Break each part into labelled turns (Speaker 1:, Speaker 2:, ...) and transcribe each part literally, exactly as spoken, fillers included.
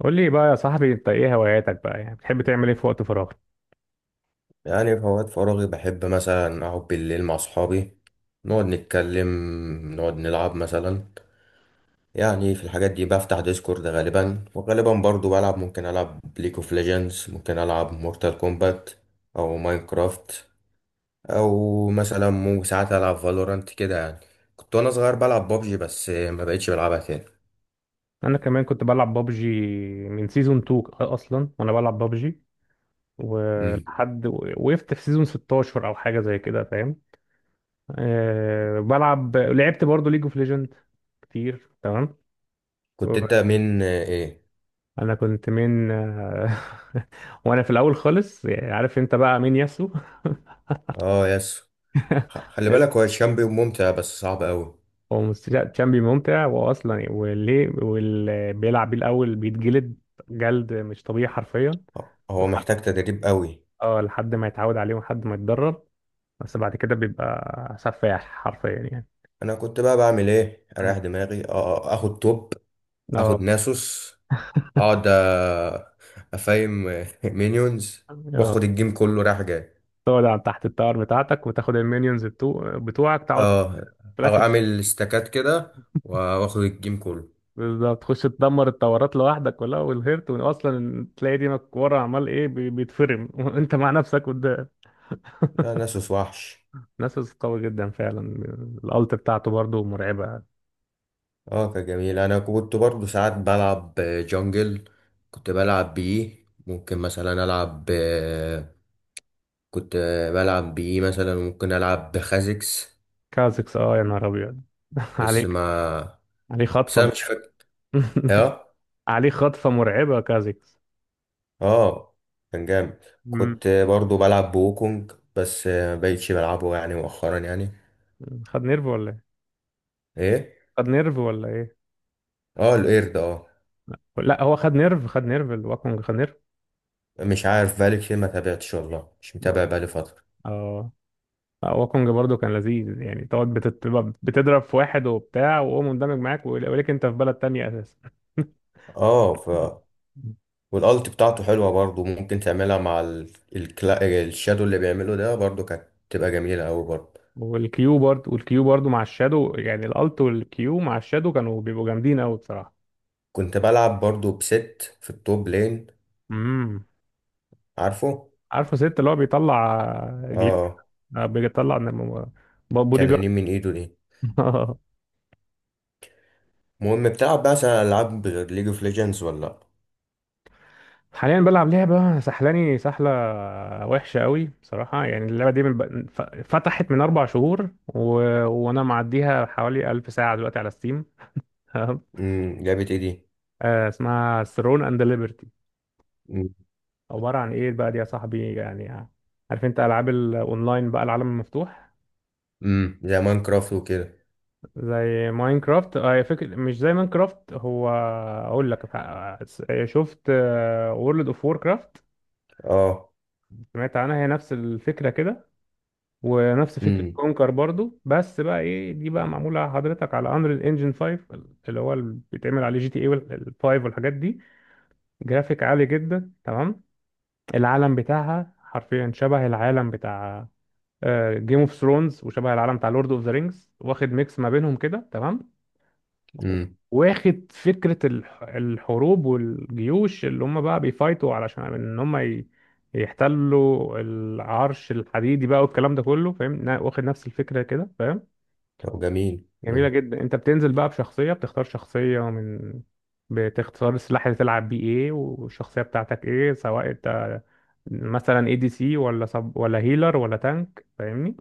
Speaker 1: قول لي بقى يا صاحبي، انت ايه هواياتك بقى؟ يعني بتحب تعمل ايه في وقت فراغك؟
Speaker 2: يعني في أوقات فراغي بحب مثلا أقعد بالليل مع أصحابي، نقعد نتكلم، نقعد نلعب مثلا. يعني في الحاجات دي بفتح ديسكورد غالبا، وغالبا برضو بلعب. ممكن ألعب ليج اوف ليجندز، ممكن ألعب مورتال كومبات أو ماينكرافت، أو مثلا مو ساعات ألعب فالورانت كده يعني. كنت وأنا صغير بلعب بابجي بس ما بقتش بلعبها تاني.
Speaker 1: انا كمان كنت بلعب بابجي، من سيزون اتنين اصلا وانا بلعب بابجي،
Speaker 2: مم.
Speaker 1: ولحد وقفت في سيزون ستة عشر او حاجه زي كده، فاهم. أه، بلعب، لعبت برضه ليج اوف ليجند كتير، تمام.
Speaker 2: كنت أنت من إيه؟
Speaker 1: انا كنت من وانا في الاول خالص، يعني عارف انت بقى مين؟ ياسو.
Speaker 2: آه يس. خ- خلي بالك هو الشامبيون ممتع بس صعب أوي.
Speaker 1: هو مست- لا، تشامبي ممتع واصلا وليه، واللي بيلعب بيه الاول بيتجلد جلد مش طبيعي حرفيا.
Speaker 2: هو
Speaker 1: لحد،
Speaker 2: محتاج تدريب أوي.
Speaker 1: اه، لحد ما يتعود عليه ولحد ما يتدرب، بس بعد كده بيبقى سفاح حرفيا يعني.
Speaker 2: انا كنت بقى بعمل ايه اريح
Speaker 1: مم.
Speaker 2: دماغي. اه. آه، اخد توب،
Speaker 1: اه.
Speaker 2: اخد ناسوس، اقعد، آه، افايم مينيونز،
Speaker 1: اه،
Speaker 2: واخد الجيم كله رايح جاي.
Speaker 1: تقعد على تحت التاور بتاعتك وتاخد المينيونز بتو... بتوعك، تقعد
Speaker 2: اه.
Speaker 1: في
Speaker 2: أو
Speaker 1: الاخر.
Speaker 2: اعمل استكات كده، واخد الجيم كله.
Speaker 1: بالظبط، تخش تدمر التورات لوحدك كلها والهيرت، واصلا تلاقي دينك ورا عمال ايه بي- بيتفرم وانت مع نفسك قدام.
Speaker 2: ده ناسوس وحش.
Speaker 1: ناسوس قوي جدا فعلا. الالت بتاعته برضو مرعبة.
Speaker 2: اه كان جميل. انا كنت برضو ساعات بلعب جونجل، كنت بلعب بيه ممكن مثلا العب، آه، كنت بلعب بيه مثلا ممكن العب بخازكس.
Speaker 1: كازكس، اه يا نهار ابيض
Speaker 2: بس
Speaker 1: عليك.
Speaker 2: ما
Speaker 1: عليه
Speaker 2: بس
Speaker 1: خطفه
Speaker 2: انا مش
Speaker 1: مرعبه.
Speaker 2: فاكر.
Speaker 1: عليه خطفه مرعبه كازكس.
Speaker 2: اه كان جامد.
Speaker 1: مم.
Speaker 2: كنت برضو بلعب بوكونج بس، آه، مبقتش بلعبه يعني مؤخرا يعني.
Speaker 1: خد نيرف ولا ايه؟
Speaker 2: ايه.
Speaker 1: خد نيرف ولا ايه؟
Speaker 2: اه القرد اه.
Speaker 1: لا هو خد نيرف، خد نيرف، الواكونج خد نيرف.
Speaker 2: مش عارف، بقالي كتير ما تابعتش والله، مش
Speaker 1: مم.
Speaker 2: متابع بقالي فترة.
Speaker 1: اه. لا، واكونج برضو كان لذيذ، يعني تقعد بتت... بتضرب في واحد وبتاع وهو مندمج معاك ولكن انت في بلد تانية اساسا.
Speaker 2: اه. ف والالت بتاعته حلوة برضو، ممكن تعملها مع ال... الكلا... الشادو اللي بيعمله ده برضو، كانت تبقى جميلة اوي برضو.
Speaker 1: والكيو برضو، والكيو برضو مع الشادو، يعني الالت والكيو مع الشادو كانوا بيبقوا جامدين قوي بصراحه.
Speaker 2: كنت بلعب برضو بست في التوب لين.
Speaker 1: امم.
Speaker 2: عارفه.
Speaker 1: عارفه. ست اللي هو بيطلع جيوب.
Speaker 2: اه.
Speaker 1: آه، بيطلع نم- بودي جارد.
Speaker 2: تنانين من ايده دي. المهم، بتلعب بقى العاب غير ليج اوف ليجندز ولا لأ؟
Speaker 1: حاليا بلعب لعبة سحلاني سحلة وحشة قوي بصراحة. يعني اللعبة دي من ب... ف- فتحت من أربع شهور و... وأنا معديها حوالي ألف ساعة دلوقتي على ستيم. تمام؟
Speaker 2: امم، لعبة ايه دي؟
Speaker 1: آه، اسمها ثرون أند ليبرتي. عبارة عن إيه بقى دي يا صاحبي يعني؟ عارف أنت ألعاب الأونلاين بقى؟ العالم المفتوح،
Speaker 2: امم، زي ماينكرافت وكده.
Speaker 1: زي ماينكرافت. اه فكرة، مش زي ماينكرافت، هو اقول لك ح- شفت وورلد اوف ووركرافت؟
Speaker 2: اه.
Speaker 1: سمعت عنها، هي نفس الفكرة كده، ونفس فكرة
Speaker 2: امم.
Speaker 1: كونكر برضو. بس بقى ايه دي بقى؟ معمولة حضرتك على انريل انجن خمسة، اللي هو اللي بيتعمل عليه جي تي اي والخمسة والحاجات دي. جرافيك عالي جدا، تمام. العالم بتاعها حرفيا شبه العالم بتاع جيم اوف ثرونز، وشبه العالم بتاع لورد اوف ذا رينجز، واخد ميكس ما بينهم كده، تمام.
Speaker 2: امم.
Speaker 1: واخد فكرة الح- الحروب والجيوش اللي هم بقى بيفايتوا علشان ان هم ي- يحتلوا العرش الحديدي بقى والكلام ده كله، فاهم؟ نا- واخد نفس الفكرة كده، فاهم.
Speaker 2: طب جميل.
Speaker 1: جميلة
Speaker 2: مم.
Speaker 1: جدا. انت بتنزل بقى بشخصية، بتختار شخصية من، بتختار السلاح اللي تلعب بيه ايه والشخصية بتاعتك ايه، سواء انت مثلا اي دي سي ولا سب ولا هيلر ولا تانك، فاهمني.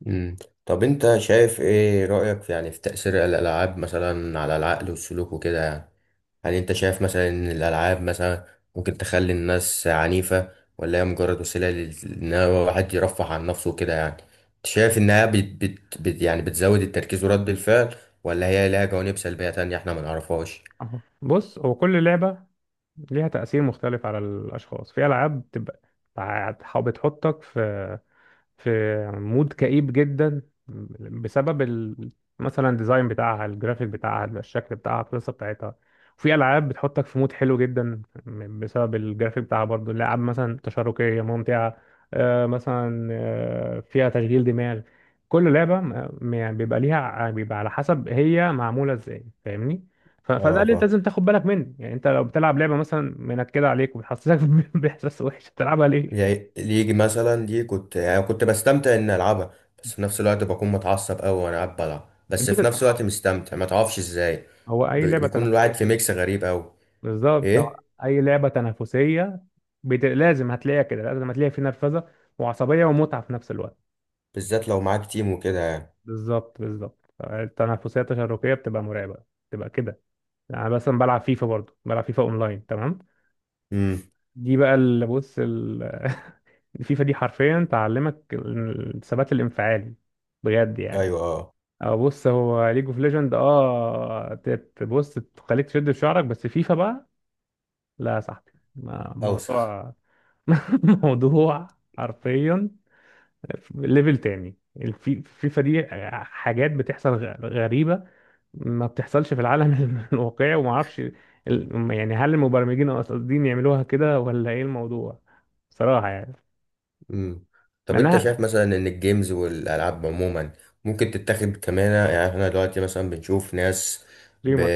Speaker 2: مم. طب انت شايف، ايه رأيك في يعني في تأثير الألعاب مثلا على العقل والسلوك وكده يعني؟ هل انت شايف مثلا ان الألعاب مثلا ممكن تخلي الناس عنيفة، ولا هي مجرد وسيلة لل- ان هو واحد يرفه عن نفسه وكده يعني؟ انت شايف انها بت بت بت يعني بتزود التركيز ورد الفعل، ولا هي لها جوانب سلبية تانية احنا ما نعرفهاش؟
Speaker 1: أهو. بص، هو كل لعبة ليها تأثير مختلف على الأشخاص. في ألعاب بتبقى بتع- بتحطك في في مود كئيب جدا بسبب ال... مثلا الديزاين بتاعها، الجرافيك بتاعها، الشكل بتاعها، القصه بتاعتها. وفي العاب بتحطك في مود حلو جدا بسبب الجرافيك بتاعها برضو. الالعاب مثلا تشاركيه ممتعه، آه، مثلا آه، فيها تشغيل دماغ. كل لعبه م- م- يعني بيبقى ليها، بيبقى على حسب هي معموله ازاي، فاهمني. ف- فده اللي انت
Speaker 2: اه.
Speaker 1: لازم تاخد بالك منه، يعني انت لو بتلعب لعبه مثلا منكده عليك وبتحسسك باحساس وحش، تلعبها ليه؟
Speaker 2: يعني ليجي مثلا دي كنت يعني كنت بستمتع اني العبها. بس في نفس الوقت بكون متعصب قوي وانا قاعد بلعب، بس
Speaker 1: دي
Speaker 2: في نفس
Speaker 1: آه.
Speaker 2: الوقت مستمتع، ما تعرفش ازاي.
Speaker 1: هو
Speaker 2: ب-
Speaker 1: اي لعبه
Speaker 2: بيكون
Speaker 1: تنافسيه
Speaker 2: الواحد في
Speaker 1: كده.
Speaker 2: ميكس غريب قوي.
Speaker 1: بالظبط، هو
Speaker 2: ايه.
Speaker 1: اي لعبه تنافسيه بت... لازم هتلاقيها كده، لازم هتلاقي في نرفزه وعصبيه ومتعه في نفس الوقت.
Speaker 2: بالذات لو معاك تيم وكده يعني.
Speaker 1: بالظبط بالظبط، التنافسيه التشاركيه بتبقى مرعبه، بتبقى كده. انا مثلا بلعب فيفا، برضو بلعب فيفا اونلاين، تمام.
Speaker 2: امم.
Speaker 1: دي بقى اللي بص ال... فيفا دي حرفيا تعلمك الثبات الانفعالي، بجد يعني.
Speaker 2: ايوه. اه.
Speaker 1: اه، بص هو ليج اوف ليجند اه تبص تخليك تشد في شعرك، بس فيفا بقى لا يا صاحبي، ما-
Speaker 2: اوسخ.
Speaker 1: موضوع موضوع حرفيا ليفل تاني الفي- الفيفا دي. حاجات بتحصل غ- غريبة ما بتحصلش في العالم الواقعي، وما اعرفش ال- يعني هل المبرمجين قاصدين يعملوها كده ولا ايه الموضوع، صراحة يعني.
Speaker 2: مم.
Speaker 1: مع
Speaker 2: طب انت شايف
Speaker 1: انها
Speaker 2: مثلا ان الجيمز والالعاب عموما ممكن تتاخد كمان، يعني احنا دلوقتي مثلا بنشوف ناس ب...
Speaker 1: ريمر،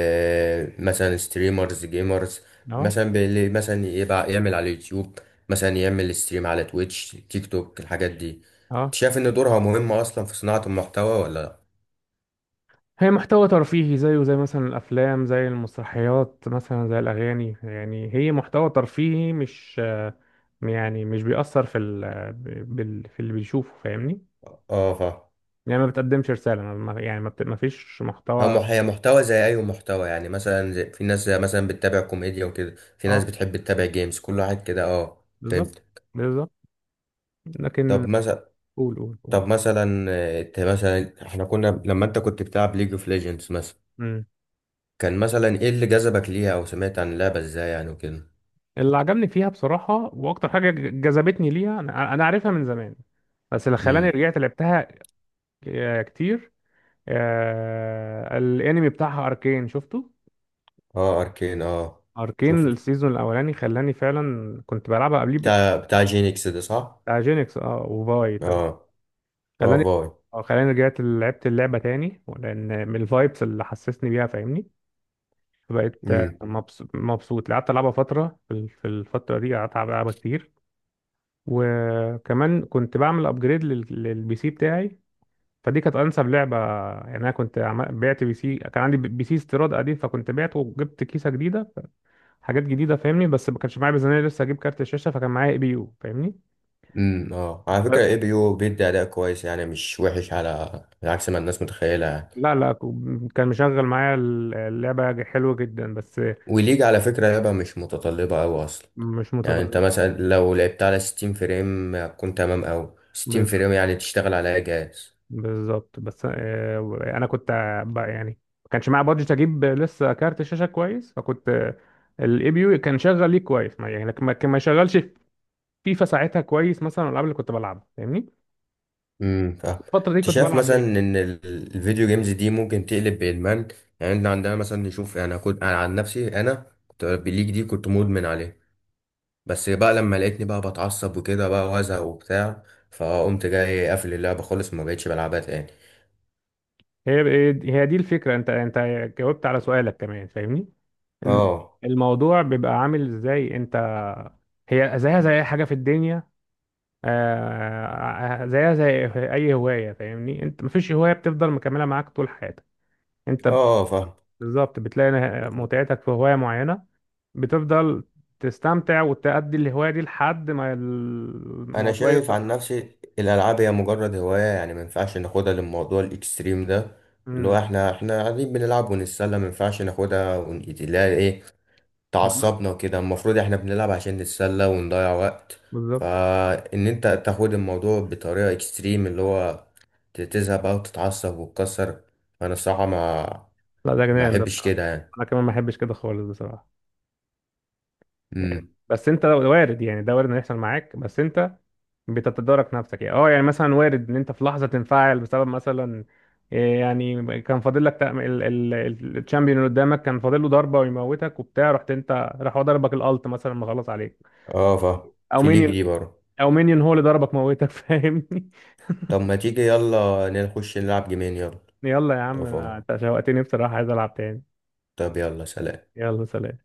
Speaker 2: مثلا ستريمرز جيمرز،
Speaker 1: اه.
Speaker 2: مثلا اللي مثلا يبقى يعمل على اليوتيوب، مثلا يعمل ستريم على تويتش تيك توك الحاجات دي.
Speaker 1: اه،
Speaker 2: انت شايف ان دورها مهم اصلا في صناعة المحتوى ولا لا؟
Speaker 1: هي محتوى ترفيهي زيه زي مثلا الافلام، زي المسرحيات مثلا، زي الاغاني، يعني هي محتوى ترفيهي مش آه، يعني مش بيأثر في ال... بال... في اللي بيشوفه، فاهمني.
Speaker 2: اه. فا
Speaker 1: يعني ما بتقدمش رسالة، ما ما- يعني ما, بت... ما فيش
Speaker 2: هو
Speaker 1: محتوى.
Speaker 2: مح- هي محتوى زي اي محتوى يعني، مثلا زي- في ناس زي مثلا بتتابع كوميديا وكده، في
Speaker 1: اه
Speaker 2: ناس بتحب تتابع جيمز كل واحد كده. اه
Speaker 1: بالظبط
Speaker 2: فهمت.
Speaker 1: بالظبط، لكن
Speaker 2: طب مثلا.
Speaker 1: قول قول قول.
Speaker 2: طب مثلا آه، انت مثلا احنا كنا لما انت كنت بتلعب ليج اوف ليجندز مثلا،
Speaker 1: مم.
Speaker 2: كان مثلا ايه اللي جذبك ليها او سمعت عن اللعبه ازاي يعني وكده؟
Speaker 1: اللي عجبني فيها بصراحة واكتر حاجة ج- جذبتني ليها، انا أنا عارفها من زمان، بس اللي خلاني
Speaker 2: امم.
Speaker 1: رجعت لعبتها ك- كتير آه... الانمي بتاعها اركين، شفته.
Speaker 2: اه اركين اه.
Speaker 1: اركين
Speaker 2: شفته.
Speaker 1: السيزون الاولاني خلاني فعلا، كنت بلعبها قبليه بت...
Speaker 2: بتاع بتاع جينكس ده صح.
Speaker 1: بتاع جينكس اه وفاي، تمام.
Speaker 2: اه. اه
Speaker 1: خلاني،
Speaker 2: فاي.
Speaker 1: اه خلاني رجعت لعبت اللعبة تاني، لان من الفايبس اللي حسسني بيها، فاهمني. فبقيت
Speaker 2: امم.
Speaker 1: مبسوط مبسوط، قعدت العبها فتره، في ال- في الفتره دي قعدت العب- العبها كتير. وكمان كنت بعمل ابجريد للبي سي بتاعي، فدي كانت انسب لعبه. يعني انا كنت عم- بعت بي سي، كان عندي بي سي استيراد قديم، فكنت بعته وجبت كيسه جديده، حاجات جديده، فاهمني. بس ما كانش معايا ميزانيه لسه اجيب كارت الشاشه، فكان معايا اي بي يو، فاهمني.
Speaker 2: امم. اه، على فكره اي
Speaker 1: ف-
Speaker 2: بي يو بيدي اداء كويس يعني، مش وحش على عكس ما الناس متخيله يعني.
Speaker 1: لا لا، كان مشغل معايا اللعبه حلوه جدا، بس
Speaker 2: وليج على فكره لعبه مش متطلبه قوي اصلا.
Speaker 1: مش
Speaker 2: يعني انت
Speaker 1: متطور.
Speaker 2: مثلا لو لعبت على ستين فريم كنت تمام، او ستين فريم يعني تشتغل على اي جهاز.
Speaker 1: بالظبط، بس آه، انا كنت بقى يعني ما كانش معايا بادجت اجيب لسه كارت شاشه كويس، فكنت الاي بي يو كان شغال ليه كويس ما يعني، لكن ما كان ما يشغلش فيفا ساعتها كويس مثلا الالعاب اللي كنت بلعبها، فاهمني.
Speaker 2: امم فاهم.
Speaker 1: الفتره دي
Speaker 2: انت
Speaker 1: كنت
Speaker 2: شايف
Speaker 1: بلعب
Speaker 2: مثلا
Speaker 1: ليه.
Speaker 2: ان ال- الفيديو جيمز دي ممكن تقلب بادمان؟ يعني احنا عندنا مثلا نشوف، يعني كنت انا عن نفسي، انا كنت بالليج دي كنت مدمن عليه. بس بقى لما لقيتني بقى بتعصب وكده بقى وازهق وبتاع، فقمت جاي قافل اللعبه خالص، ما بقتش بلعبها تاني.
Speaker 1: هي هي دي الفكره، انت انت جاوبت على سؤالك كمان، فاهمني. ان
Speaker 2: اه.
Speaker 1: الموضوع بيبقى عامل ازاي انت، هي زيها زي اي حاجه في الدنيا. آه، آه، زيها زي اي هوايه، فاهمني. انت مفيش هوايه بتفضل مكمله معاك طول حياتك. انت
Speaker 2: اه فاهم.
Speaker 1: بالظبط بتلاقي نه- متعتك في هواية معينة، بتفضل تستمتع وتأدي الهواية دي لحد ما
Speaker 2: انا
Speaker 1: الموضوع
Speaker 2: شايف
Speaker 1: يخلص
Speaker 2: عن
Speaker 1: معاك.
Speaker 2: نفسي الالعاب هي مجرد هوايه يعني، ما ينفعش ناخدها للموضوع الاكستريم ده. اللي هو
Speaker 1: امم.
Speaker 2: احنا احنا قاعدين بنلعب ونتسلى، ما ينفعش ناخدها ونقيت- لا ايه، تعصبنا كده. المفروض احنا بنلعب عشان نتسلى ونضيع وقت.
Speaker 1: بالظبط.
Speaker 2: فان انت تاخد الموضوع بطريقة اكستريم اللي هو تزهق بقى وتتعصب وتكسر، فانا الصراحة ما
Speaker 1: لا ده
Speaker 2: ما
Speaker 1: جنان ده
Speaker 2: احبش
Speaker 1: بصراحة.
Speaker 2: كده يعني.
Speaker 1: أنا كمان ما بحبش كده خالص بصراحة. يعني
Speaker 2: امم.
Speaker 1: بس أنت لو- وارد، يعني ده وارد إنه يحصل معاك، بس أنت بتتدارك نفسك يعني. أه، يعني مثلا وارد إن أنت في لحظة تنفعل بسبب مثلا إيه، يعني كان فاضل لك تأم- ال- ال- ال- الشامبيون اللي قدامك كان فاضل له ضربة ويموتك وبتاع، رحت أنت راح هو ضربك الألت مثلا مخلص عليك،
Speaker 2: اه فاهم.
Speaker 1: او
Speaker 2: في ليك
Speaker 1: مينيون.
Speaker 2: دي برضه.
Speaker 1: او مينيون هو اللي ضربك موتك، فاهمني.
Speaker 2: طب ما تيجي يلا نخش نلعب جيمين يلا.
Speaker 1: يلا يا
Speaker 2: لو
Speaker 1: عم، انا
Speaker 2: فاهم.
Speaker 1: انت شوقتني بصراحة، عايز العب تاني.
Speaker 2: طب يلا سلام.
Speaker 1: يلا سلام.